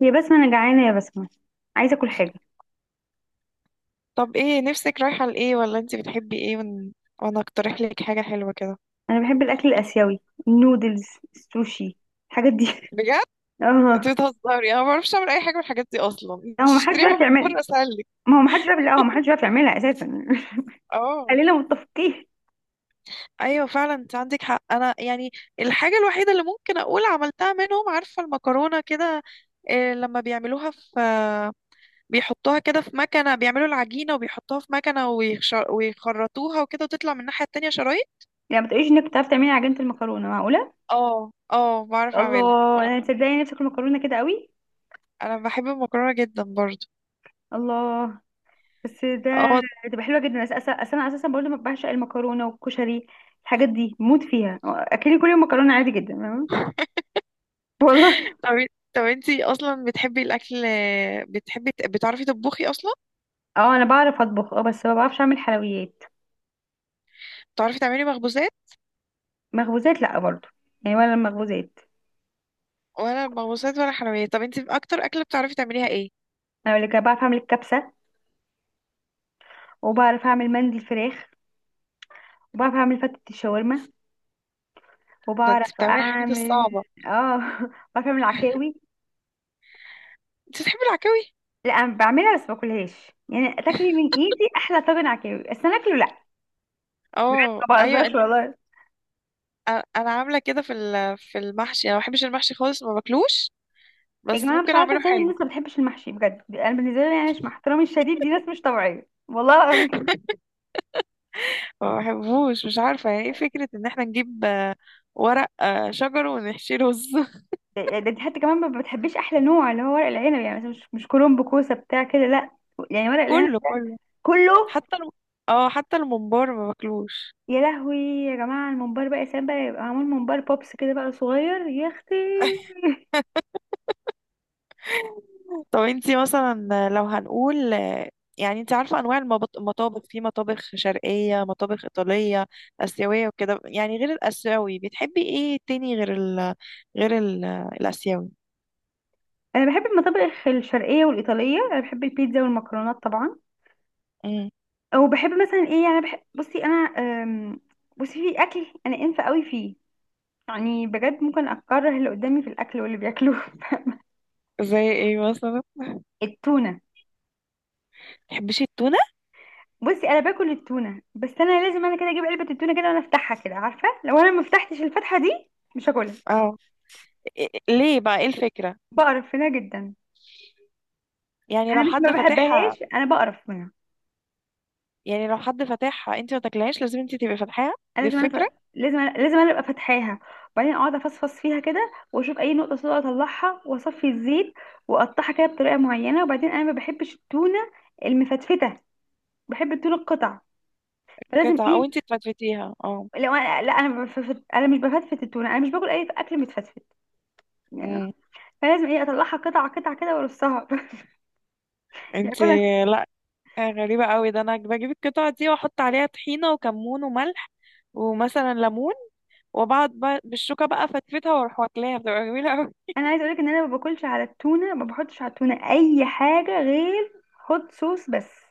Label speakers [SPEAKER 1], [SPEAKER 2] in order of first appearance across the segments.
[SPEAKER 1] يا بسمة أنا جعانة يا بسمة، عايزة أكل حاجة.
[SPEAKER 2] طب، ايه نفسك رايحة لإيه؟ ولا انت بتحبي ايه؟ وانا اقترح لك حاجة حلوة كده.
[SPEAKER 1] أنا بحب الأكل الآسيوي، النودلز، السوشي، الحاجات دي.
[SPEAKER 2] بجد؟ انت
[SPEAKER 1] اه.
[SPEAKER 2] بتهزري. انا ما بعرفش اعمل اي حاجة من الحاجات دي اصلا.
[SPEAKER 1] لا، هو
[SPEAKER 2] انت
[SPEAKER 1] محدش
[SPEAKER 2] اشتريها
[SPEAKER 1] بيعرف
[SPEAKER 2] من
[SPEAKER 1] يعملها.
[SPEAKER 2] بره اسهل لك.
[SPEAKER 1] ما هو محدش بيعرف، لا، هو محدش بيعرف يعملها أساسا.
[SPEAKER 2] اه،
[SPEAKER 1] خلينا متفقين.
[SPEAKER 2] ايوه، فعلا انت عندك حق. انا يعني الحاجة الوحيدة اللي ممكن اقول عملتها منهم، عارفة المكرونة كده؟ إيه لما بيعملوها في، بيحطوها كده في مكنة، بيعملوا العجينة وبيحطوها في مكنة ويخرطوها وكده، وتطلع من الناحية التانية شرايط.
[SPEAKER 1] يعني ما تقوليش إنك بتعرف تعملي عجينة المكرونة، معقولة؟
[SPEAKER 2] اه، اه بعرف اعملها
[SPEAKER 1] الله، أنا تصدقي نفسي أكل مكرونة كده قوي.
[SPEAKER 2] انا بحب المكرونة جدا برضو.
[SPEAKER 1] الله. بس ده
[SPEAKER 2] اه.
[SPEAKER 1] تبقى حلوة جدا. أصل أنا أساسا برضه ما بعشق المكرونة والكشري، الحاجات دي موت فيها. أكلي كل يوم مكرونة عادي جدا، تمام؟ والله.
[SPEAKER 2] طب طب، انتي اصلا بتحبي الاكل؟ بتعرفي تطبخي اصلا؟
[SPEAKER 1] اه أنا بعرف أطبخ، اه بس ما بعرفش أعمل حلويات.
[SPEAKER 2] بتعرفي تعملي مخبوزات؟
[SPEAKER 1] مخبوزات لا برضو، يعني ولا المخبوزات.
[SPEAKER 2] ولا مخبوزات ولا حلويات؟ طب انتي اكتر اكله بتعرفي تعمليها ايه؟
[SPEAKER 1] انا اللي كان بعرف اعمل الكبسه، وبعرف اعمل مندي الفراخ، وبعرف اعمل فتة الشاورما،
[SPEAKER 2] ده انتي
[SPEAKER 1] وبعرف
[SPEAKER 2] بتعملي الحاجات
[SPEAKER 1] اعمل.
[SPEAKER 2] الصعبه.
[SPEAKER 1] اه. بعرف اعمل عكاوي.
[SPEAKER 2] انتي بتحبي العكاوي؟
[SPEAKER 1] لا أنا بعملها بس باكلهاش، يعني تاكلي من ايدي احلى طاجن عكاوي، بس انا اكله لا.
[SPEAKER 2] اه،
[SPEAKER 1] ما
[SPEAKER 2] ايوه.
[SPEAKER 1] بهزرش والله.
[SPEAKER 2] انا عامله كده في في المحشي، انا ما بحبش المحشي خالص، ما باكلوش،
[SPEAKER 1] يا
[SPEAKER 2] بس
[SPEAKER 1] جماعه مش
[SPEAKER 2] ممكن
[SPEAKER 1] عارفه
[SPEAKER 2] اعمله
[SPEAKER 1] ازاي
[SPEAKER 2] حلو.
[SPEAKER 1] الناس ما بتحبش المحشي، بجد انا بالنسبه لي، يعني مش مع احترامي الشديد، دي ناس مش طبيعيه والله العظيم.
[SPEAKER 2] ما بحبوش، مش عارفه يعني ايه فكره ان احنا نجيب ورق شجر ونحشي رز.
[SPEAKER 1] ده ده دي حتى كمان ما بتحبيش احلى نوع اللي هو ورق العنب، يعني مثلا، مش كرنب كوسه بتاع كده لا، يعني ورق العنب.
[SPEAKER 2] كله، كله،
[SPEAKER 1] كله.
[SPEAKER 2] حتى الم... اه حتى الممبار ما باكلوش.
[SPEAKER 1] يا لهوي يا جماعة الممبار بقى، يا سلام بقى، يبقى معمول ممبار بوبس كده بقى صغير يا اختي.
[SPEAKER 2] طب انتي مثلا لو هنقول، يعني انتي عارفة انواع المطابخ، في مطابخ شرقية، مطابخ ايطالية، اسيوية، وكده، يعني غير الاسيوي بتحبي ايه تاني؟ غير ال غير ال الاسيوي.
[SPEAKER 1] انا بحب المطابخ الشرقية والإيطالية، انا بحب البيتزا والمكرونات طبعا.
[SPEAKER 2] امم
[SPEAKER 1] او بحب مثلا ايه، يعني بحب، بصي انا، بصي في اكل انا انفه قوي فيه، يعني بجد ممكن اكره اللي قدامي في الاكل واللي بياكلوه.
[SPEAKER 2] زي ايه مثلا؟
[SPEAKER 1] التونة.
[SPEAKER 2] بتحبيش التونة؟
[SPEAKER 1] بصي انا باكل التونة، بس انا لازم انا كده اجيب علبة التونة كده وانا افتحها كده، عارفة؟ لو انا ما فتحتش الفتحة دي مش هاكلها.
[SPEAKER 2] اه. ليه بقى، ايه الفكرة؟
[SPEAKER 1] بقرف منها جدا.
[SPEAKER 2] يعني لو
[SPEAKER 1] انا مش ما
[SPEAKER 2] حد فاتحها
[SPEAKER 1] بحبهاش، انا بقرف منها.
[SPEAKER 2] يعني لو حد فاتحها انتي ما تاكلهاش، لازم انتي تبقي فاتحاها،
[SPEAKER 1] انا
[SPEAKER 2] دي
[SPEAKER 1] لازم انا ف...
[SPEAKER 2] الفكرة؟
[SPEAKER 1] لازم أنا، لازم انا ابقى فاتحاها، وبعدين اقعد افصفص فيها كده واشوف اي نقطه سوداء اطلعها واصفي الزيت، واقطعها كده بطريقه معينه، وبعدين انا ما بحبش التونه المفتفته، بحب التونه القطع. فلازم
[SPEAKER 2] قطعة، او
[SPEAKER 1] ايه،
[SPEAKER 2] انتي تفتفتيها؟ اه.
[SPEAKER 1] لو انا لا انا بفت... انا مش بفتفت التونه، انا مش باكل اي اكل متفتفت يعني.
[SPEAKER 2] امم
[SPEAKER 1] فلازم ايه اطلعها قطع قطع كده وارصها. يعني
[SPEAKER 2] انتي.
[SPEAKER 1] أكلها.
[SPEAKER 2] لا، غريبة قوي. ده انا بجيب القطعة دي واحط عليها طحينة وكمون وملح ومثلا ليمون، وبعد بقى بالشوكة بقى فتفتها واروح واكلاها، بتبقى جميلة قوي.
[SPEAKER 1] انا عايزه اقولك ان انا ما باكلش على التونه، ما بحطش على التونه اي حاجه غير هوت صوص بس.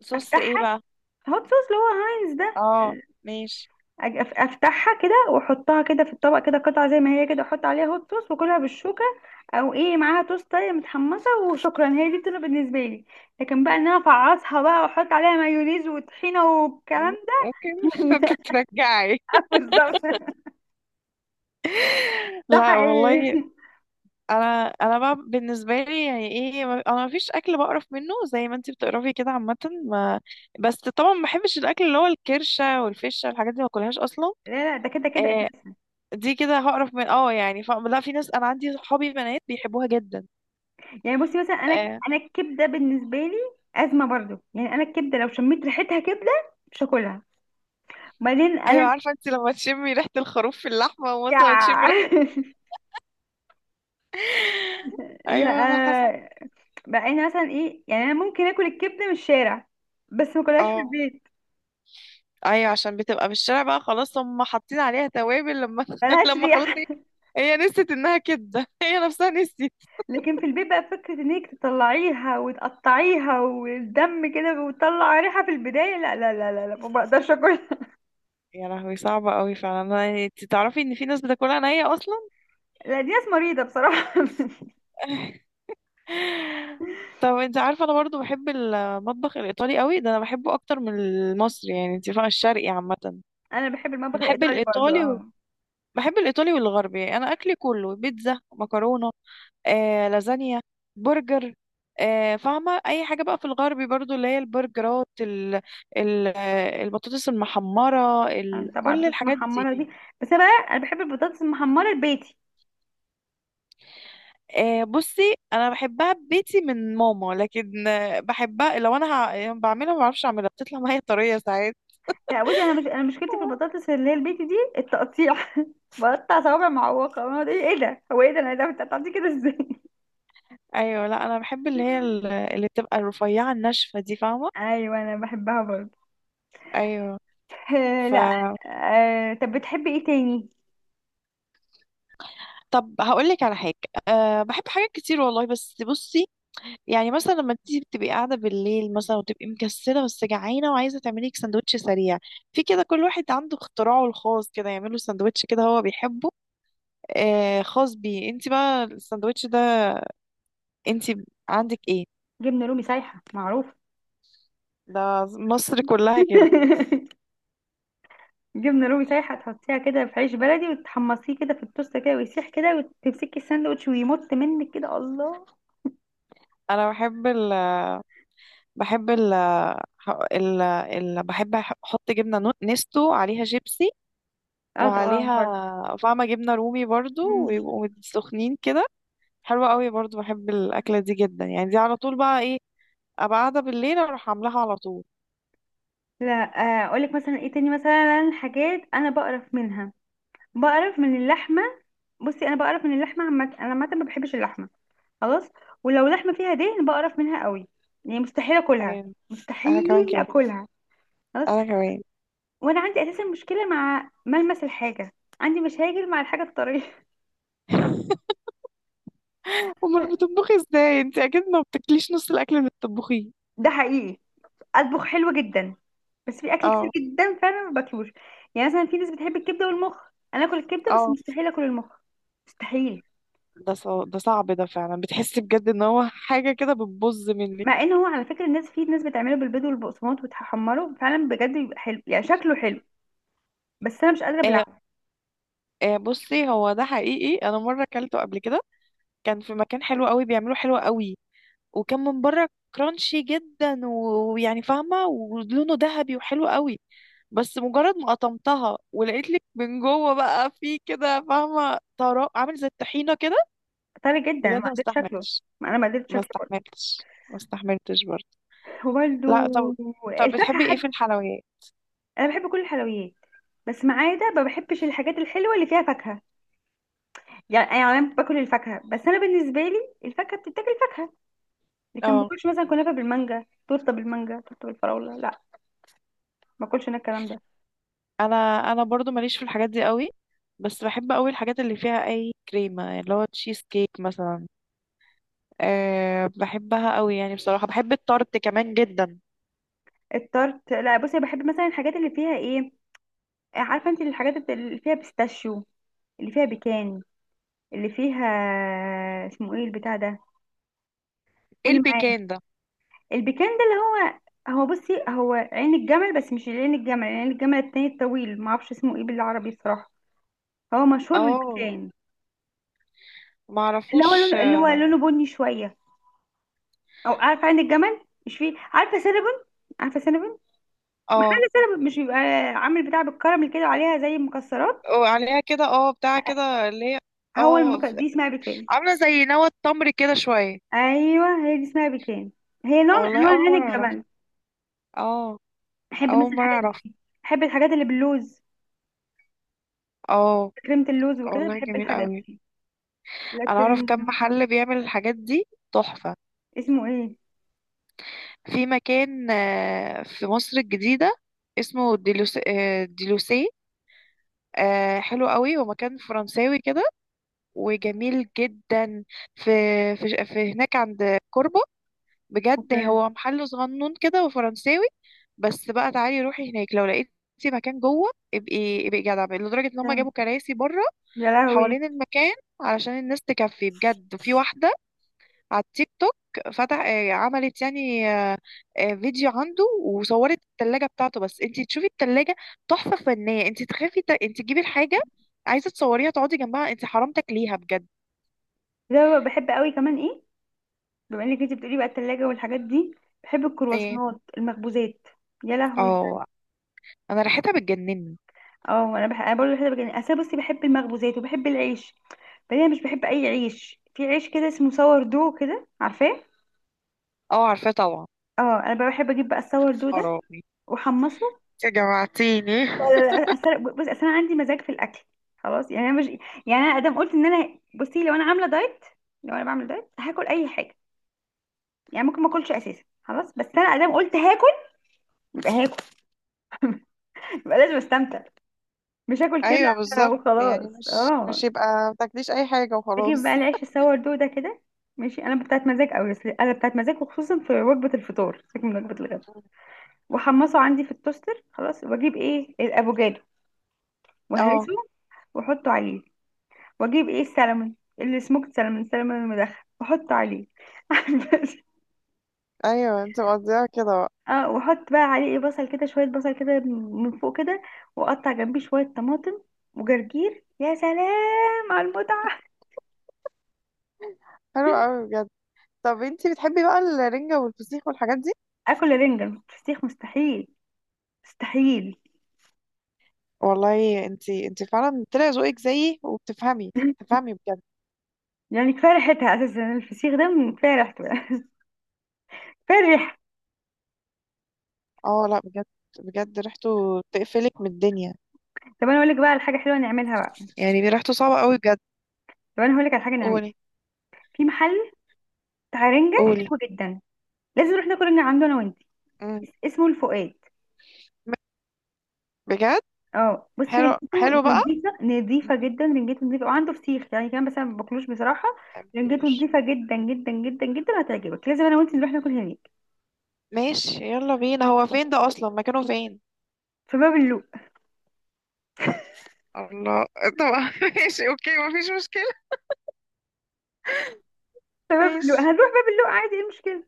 [SPEAKER 2] صوص ايه
[SPEAKER 1] افتحها.
[SPEAKER 2] بقى؟
[SPEAKER 1] هوت صوص اللي هو هاينز ده.
[SPEAKER 2] اه، ماشي.
[SPEAKER 1] افتحها كده واحطها كده في الطبق كده قطعه زي ما هي كده، احط عليها هوت صوص واكلها بالشوكه، او ايه معاها توستايه متحمسه، وشكرا، هي دي بتبقى بالنسبه لي. لكن بقى ان انا افعصها بقى واحط عليها مايونيز وطحينه والكلام
[SPEAKER 2] مم،
[SPEAKER 1] ده.
[SPEAKER 2] ممكن
[SPEAKER 1] لا.
[SPEAKER 2] ممكن ترجعي.
[SPEAKER 1] بالظبط. ده
[SPEAKER 2] لا والله.
[SPEAKER 1] حقيقي.
[SPEAKER 2] انا بقى بالنسبة لي يعني ايه، انا مفيش اكل بقرف منه زي ما انتي بتقرفي كده عامة. ما بس طبعا ما بحبش الاكل اللي هو الكرشة والفشة، الحاجات دي ما باكلهاش اصلا.
[SPEAKER 1] لا لا، ده كده كده
[SPEAKER 2] آه،
[SPEAKER 1] اساسا.
[SPEAKER 2] دي كده هقرف من، يعني لا، في ناس، انا عندي صحابي بنات بيحبوها جدا.
[SPEAKER 1] يعني بصي مثلا انا،
[SPEAKER 2] آه.
[SPEAKER 1] انا الكبده بالنسبه لي ازمه برضو، يعني انا الكبده لو شميت ريحتها كبده مش هاكلها. وبعدين انا.
[SPEAKER 2] ايوه، عارفه انت لما تشمي ريحه الخروف في اللحمه
[SPEAKER 1] يا.
[SPEAKER 2] ومثلا تشمي ريحه؟
[SPEAKER 1] لا.
[SPEAKER 2] ايوه، انا حاسه.
[SPEAKER 1] بقى انا مثلا ايه يعني، انا ممكن اكل الكبده من الشارع بس ما اكلهاش في
[SPEAKER 2] اه،
[SPEAKER 1] البيت.
[SPEAKER 2] ايوه، عشان بتبقى في الشارع بقى خلاص، هم حاطين عليها توابل لما
[SPEAKER 1] ملهاش
[SPEAKER 2] لما خلاص
[SPEAKER 1] ريحه.
[SPEAKER 2] هي هي نسيت انها كده. هي نفسها نسيت.
[SPEAKER 1] لكن في البيت بقى فكره انك تطلعيها وتقطعيها والدم كده وتطلع ريحه في البدايه، لا لا لا لا، لا ما بقدرش اكل.
[SPEAKER 2] يا لهوي، صعبه قوي فعلا. يعني انت تعرفي ان في ناس بتاكلها نيه اصلا؟
[SPEAKER 1] لا دي ناس مريضه بصراحه.
[SPEAKER 2] طب، انت عارفه انا برضو بحب المطبخ الايطالي قوي، ده انا بحبه اكتر من المصري، يعني انت فاهمه، الشرقي عامه.
[SPEAKER 1] انا بحب المطبخ
[SPEAKER 2] بحب
[SPEAKER 1] الايطالي برضو
[SPEAKER 2] الايطالي و...
[SPEAKER 1] اه.
[SPEAKER 2] بحب الايطالي والغربي. انا اكلي كله بيتزا، مكرونه، لازانيا، برجر، فاهمه اي حاجه بقى في الغربي، برضو اللي هي البرجرات ال... ال... آه، البطاطس المحمره
[SPEAKER 1] انا طبعا
[SPEAKER 2] كل
[SPEAKER 1] البطاطس
[SPEAKER 2] الحاجات دي.
[SPEAKER 1] المحمره دي، بس انا بقى انا بحب البطاطس المحمره البيتي.
[SPEAKER 2] بصي انا بحبها ببيتي من ماما، لكن بحبها لو انا يعني بعملها، ما بعرفش اعملها، بتطلع معايا طريه ساعات.
[SPEAKER 1] لا بصي انا، مش انا مشكلتي في البطاطس اللي هي البيتي دي التقطيع. بقطع صوابع معوقة أنا، ده ايه ده، هو ايه ده، انا إيه ده، بتقطعتي كده ازاي؟
[SPEAKER 2] ايوه، لا، انا بحب اللي هي اللي بتبقى الرفيعه الناشفه دي، فاهمه؟
[SPEAKER 1] ايوه انا بحبها برضه.
[SPEAKER 2] ايوه.
[SPEAKER 1] آه،
[SPEAKER 2] ف
[SPEAKER 1] لا. آه، طب بتحبي ايه تاني؟
[SPEAKER 2] طب هقول لك على حاجة. أه، بحب حاجات كتير والله، بس بصي، يعني مثلا لما انتي بتبقي قاعدة بالليل مثلا وتبقي مكسلة بس جعانة وعايزة تعملي لك سندوتش سريع، في كده كل واحد عنده اختراعه الخاص كده، يعمله سندوتش كده هو بيحبه، أه، خاص بيه. انتي بقى السندوتش ده، انتي عندك ايه؟
[SPEAKER 1] جبنة رومي سايحة معروف.
[SPEAKER 2] ده مصر كلها كده.
[SPEAKER 1] جبنة رومي سايحة تحطيها كده في عيش بلدي وتحمصيه كده في التوست كده ويسيح كده وتمسكي الساندوتش ويمط منك كده، الله.
[SPEAKER 2] انا بحب ال بحب ال ال, ال... بحب احط جبنة نستو عليها شيبسي،
[SPEAKER 1] اه طبعا برضه.
[SPEAKER 2] وعليها، فاهمة، جبنة رومي برضو،
[SPEAKER 1] مم.
[SPEAKER 2] ويبقوا سخنين كده. حلوة قوي برضو، بحب الأكلة دي جدا، يعني دي على طول بقى، ايه، أبقى قاعدة بالليل أروح عاملاها على طول.
[SPEAKER 1] لا. آه، اقولك مثلا ايه تاني، مثلا حاجات انا بقرف منها، بقرف من اللحمة. بصي انا بقرف من اللحمة عامة، انا عامة ما بحبش اللحمة، خلاص. ولو لحمة فيها دهن بقرف منها قوي، يعني مستحيل اكلها،
[SPEAKER 2] أيوة. أنا كمان
[SPEAKER 1] مستحيل
[SPEAKER 2] كده.
[SPEAKER 1] اكلها، خلاص.
[SPEAKER 2] أنا كمان.
[SPEAKER 1] وانا عندي اساسا مشكلة مع ملمس الحاجة، عندي مشاكل مع الحاجة الطرية.
[SPEAKER 2] أمال بتطبخي ازاي انت؟ أكيد ما بتاكليش نص الأكل اللي بتطبخيه.
[SPEAKER 1] ده حقيقي. اطبخ حلو جدا، بس في اكل
[SPEAKER 2] اه،
[SPEAKER 1] كتير جدا فعلا ما باكلوش. يعني مثلا في ناس بتحب الكبدة والمخ، انا اكل الكبدة بس
[SPEAKER 2] اه.
[SPEAKER 1] مستحيل اكل المخ، مستحيل.
[SPEAKER 2] ده صعب ده فعلا، بتحسي بجد ان هو حاجة كده بتبظ منك.
[SPEAKER 1] مع ان هو على فكرة الناس، في ناس بتعمله بالبيض والبقسماط وتحمره فعلا بجد بيبقى حلو، يعني شكله حلو، بس انا مش قادرة
[SPEAKER 2] آه،
[SPEAKER 1] ابلعه.
[SPEAKER 2] آه، بصي، هو ده حقيقي، أنا مرة أكلته قبل كده. كان في مكان حلو قوي، بيعملوا حلو قوي، وكان من بره كرانشي جدا ويعني فاهمة، ولونه ذهبي وحلو قوي، بس مجرد ما قطمتها ولقيت لك من جوه بقى في كده، فاهمة، طراء عامل زي الطحينة كده.
[SPEAKER 1] طري جدا ما
[SPEAKER 2] بجد،
[SPEAKER 1] قدرتش شكله. ما انا ما قدرتش شكله،
[SPEAKER 2] ما استحملتش، برضه.
[SPEAKER 1] هو برضه.
[SPEAKER 2] لا. طب،
[SPEAKER 1] الفاكهة
[SPEAKER 2] بتحبي ايه
[SPEAKER 1] حد.
[SPEAKER 2] في الحلويات؟
[SPEAKER 1] أنا بحب كل الحلويات، بس ما عدا ما بحبش الحاجات الحلوة اللي فيها فاكهة. يعني، يعني أنا باكل الفاكهة بس أنا بالنسبة لي الفاكهة بتتاكل فاكهة، لكن ما
[SPEAKER 2] اه.
[SPEAKER 1] باكلش مثلا كنافة بالمانجا، تورتة بالمانجا، تورتة بالفراولة، لا. ما باكلش أنا الكلام ده.
[SPEAKER 2] انا انا برضو ماليش في الحاجات دي قوي، بس بحب قوي الحاجات اللي فيها اي كريمة، اللي هو تشيز كيك مثلا. أه، بحبها قوي، يعني بصراحة بحب التارت كمان جدا.
[SPEAKER 1] التارت لا، بصي بحب مثلا الحاجات اللي فيها إيه، عارفة أنت الحاجات اللي فيها بيستاشيو، اللي فيها بيكان، اللي فيها، اسمه إيه البتاع ده؟
[SPEAKER 2] ايه
[SPEAKER 1] قولي.
[SPEAKER 2] البيكان ده؟
[SPEAKER 1] البيكان ده اللي هو، هو بصي هو عين الجمل، بس مش عين الجمل، عين الجمل التاني الطويل، ما اعرفش اسمه ايه بالعربي بصراحة، هو مشهور
[SPEAKER 2] اه،
[SPEAKER 1] بالبيكان. اللي هو
[SPEAKER 2] معرفوش.
[SPEAKER 1] لونه، اللي هو لونه بني شوية. او عارفة عين الجمل مش فيه، عارفة سينابون؟ عارفة سينابون؟
[SPEAKER 2] اه،
[SPEAKER 1] محل سينابون، مش بيبقى عامل بتاع بالكراميل كده وعليها زي المكسرات.
[SPEAKER 2] وعليها كده، اه، بتاع كده، اللي هي. اه،
[SPEAKER 1] دي اسمها بيكان.
[SPEAKER 2] عاملة زي نوى التمر كده شوية.
[SPEAKER 1] ايوه هي دي اسمها بيكان، هي نوع
[SPEAKER 2] اه
[SPEAKER 1] من
[SPEAKER 2] والله،
[SPEAKER 1] انواع
[SPEAKER 2] أول
[SPEAKER 1] عين
[SPEAKER 2] مرة أعرف.
[SPEAKER 1] الجمل.
[SPEAKER 2] اه،
[SPEAKER 1] بحب مثلا
[SPEAKER 2] أول مرة
[SPEAKER 1] الحاجات
[SPEAKER 2] أعرف.
[SPEAKER 1] دي، بحب الحاجات اللي باللوز،
[SPEAKER 2] اه
[SPEAKER 1] كريمة اللوز وكده،
[SPEAKER 2] والله،
[SPEAKER 1] بحب
[SPEAKER 2] جميل
[SPEAKER 1] الحاجات
[SPEAKER 2] قوي.
[SPEAKER 1] دي.
[SPEAKER 2] أنا أعرف
[SPEAKER 1] لكن.
[SPEAKER 2] كم محل بيعمل الحاجات دي، تحفة.
[SPEAKER 1] اسمه ايه؟
[SPEAKER 2] في مكان، في مصر الجديدة، اسمه ديلوسي. حلو قوي، هو مكان فرنساوي كده، وجميل جدا. في في هناك عند كوربة. بجد،
[SPEAKER 1] اوكي.
[SPEAKER 2] هو محل صغنون كده وفرنساوي. بس بقى تعالي روحي هناك، لو لقيتي مكان جوه ابقي، ابقي جدع بقى، لدرجة ان هم
[SPEAKER 1] تمام.
[SPEAKER 2] جابوا كراسي بره
[SPEAKER 1] يا لهوي.
[SPEAKER 2] حوالين المكان علشان الناس تكفي. بجد، في واحدة على التيك توك فتح آه، عملت، يعني، فيديو عنده، وصورت التلاجة بتاعته. بس انتي تشوفي التلاجة تحفة فنية، انتي تخافي انتي تجيبي الحاجة عايزة تصوريها تقعدي جنبها، انتي حرام تاكليها بجد.
[SPEAKER 1] ده بحب قوي كمان ايه، بما انك انت بتقولي بقى التلاجة والحاجات دي، بحب
[SPEAKER 2] ايه؟
[SPEAKER 1] الكرواسونات، المخبوزات، يا لهوي.
[SPEAKER 2] اه، انا ريحتها بتجنني.
[SPEAKER 1] اه انا بحب، انا برضه بحب، يعني انا بصي بحب المخبوزات وبحب العيش. بعدين انا مش بحب اي عيش، في عيش كده اسمه سور دو كده، عارفاه؟
[SPEAKER 2] اه، عارفاه طبعا.
[SPEAKER 1] اه انا بقى بحب اجيب بقى السور دو ده
[SPEAKER 2] خراب.
[SPEAKER 1] واحمصه.
[SPEAKER 2] انت جوعتيني.
[SPEAKER 1] لا لا لا أسر... بص اصل انا عندي مزاج في الاكل، خلاص، يعني انا مش، يعني انا ادام قلت ان انا، بصي لو انا عامله دايت، لو انا بعمل دايت هاكل اي حاجه، يعني ممكن ما اكلش اساسا خلاص، بس انا ادام قلت هاكل يبقى لازم استمتع، مش هاكل
[SPEAKER 2] ايوه،
[SPEAKER 1] كده
[SPEAKER 2] بالظبط، يعني،
[SPEAKER 1] وخلاص
[SPEAKER 2] مش
[SPEAKER 1] اه.
[SPEAKER 2] مش يبقى ما تاكليش اي حاجه
[SPEAKER 1] اجيب بقى
[SPEAKER 2] وخلاص.
[SPEAKER 1] العيش السور ده كده، ماشي، انا بتاعت مزاج قوي، اصل انا بتاعت مزاج وخصوصا في وجبه الفطار، سيبك من وجبه الغداء. واحمصه عندي في التوستر خلاص، واجيب ايه الافوكادو
[SPEAKER 2] اه،
[SPEAKER 1] وهرسه، واحطه عليه، واجيب ايه السلمون السموكت سلمون، السلمون المدخن، واحطه عليه.
[SPEAKER 2] ايوه، انت مقضيها كده بقى.
[SPEAKER 1] اه، واحط بقى عليه ايه، بصل كده، شويه بصل كده من فوق كده، واقطع جنبيه شويه طماطم وجرجير، يا سلام على المتعه.
[SPEAKER 2] حلو قوي بجد. طب انت بتحبي بقى الرنجه والفسيخ والحاجات دي؟
[SPEAKER 1] اكل رنجة فسيخ مستحيل، مستحيل.
[SPEAKER 2] والله انت فعلا طلع ذوقك زيي وبتفهمي. بتفهمي بجد.
[SPEAKER 1] يعني كفايه ريحتها اساسا، الفسيخ ده من كفايه ريحته بقى، كفايه الريحه.
[SPEAKER 2] اه، لا بجد. بجد ريحته تقفلك من الدنيا.
[SPEAKER 1] طب انا اقول لك بقى على حاجه حلوه نعملها بقى،
[SPEAKER 2] يعني ريحته صعبه قوي بجد.
[SPEAKER 1] طب انا هقول لك على حاجه نعملها.
[SPEAKER 2] قولي.
[SPEAKER 1] في محل بتاع رنجة
[SPEAKER 2] قولي.
[SPEAKER 1] حلو جدا، لازم نروح ناكل رنجة عنده انا وانت.
[SPEAKER 2] مم.
[SPEAKER 1] اسمه الفؤاد.
[SPEAKER 2] بجد؟
[SPEAKER 1] اه بصي
[SPEAKER 2] حلو،
[SPEAKER 1] رنجته
[SPEAKER 2] حلو بقى.
[SPEAKER 1] نظيفه،
[SPEAKER 2] مم،
[SPEAKER 1] نظيفه جدا، رنجته نظيفه، وعنده فسيخ يعني كمان بس انا ما باكلوش بصراحه. رنجته نظيفه جدا جدا جدا جدا، هتعجبك، لازم انا وانت نروح ناكل هناك.
[SPEAKER 2] ماشي، يلا بينا. هو فين ده اصلا، مكانه فين؟
[SPEAKER 1] في باب اللوق.
[SPEAKER 2] الله. طبعا. ماشي، اوكي، مفيش مشكلة.
[SPEAKER 1] في باب اللوق،
[SPEAKER 2] ماشي.
[SPEAKER 1] هنروح باب اللوق عادي، ايه المشكله؟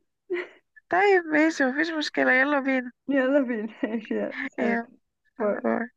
[SPEAKER 2] طيب، ماشي، مفيش مشكلة، يلا بينا.
[SPEAKER 1] يلا بينا. ماشي، يلا. باي.
[SPEAKER 2] يلا.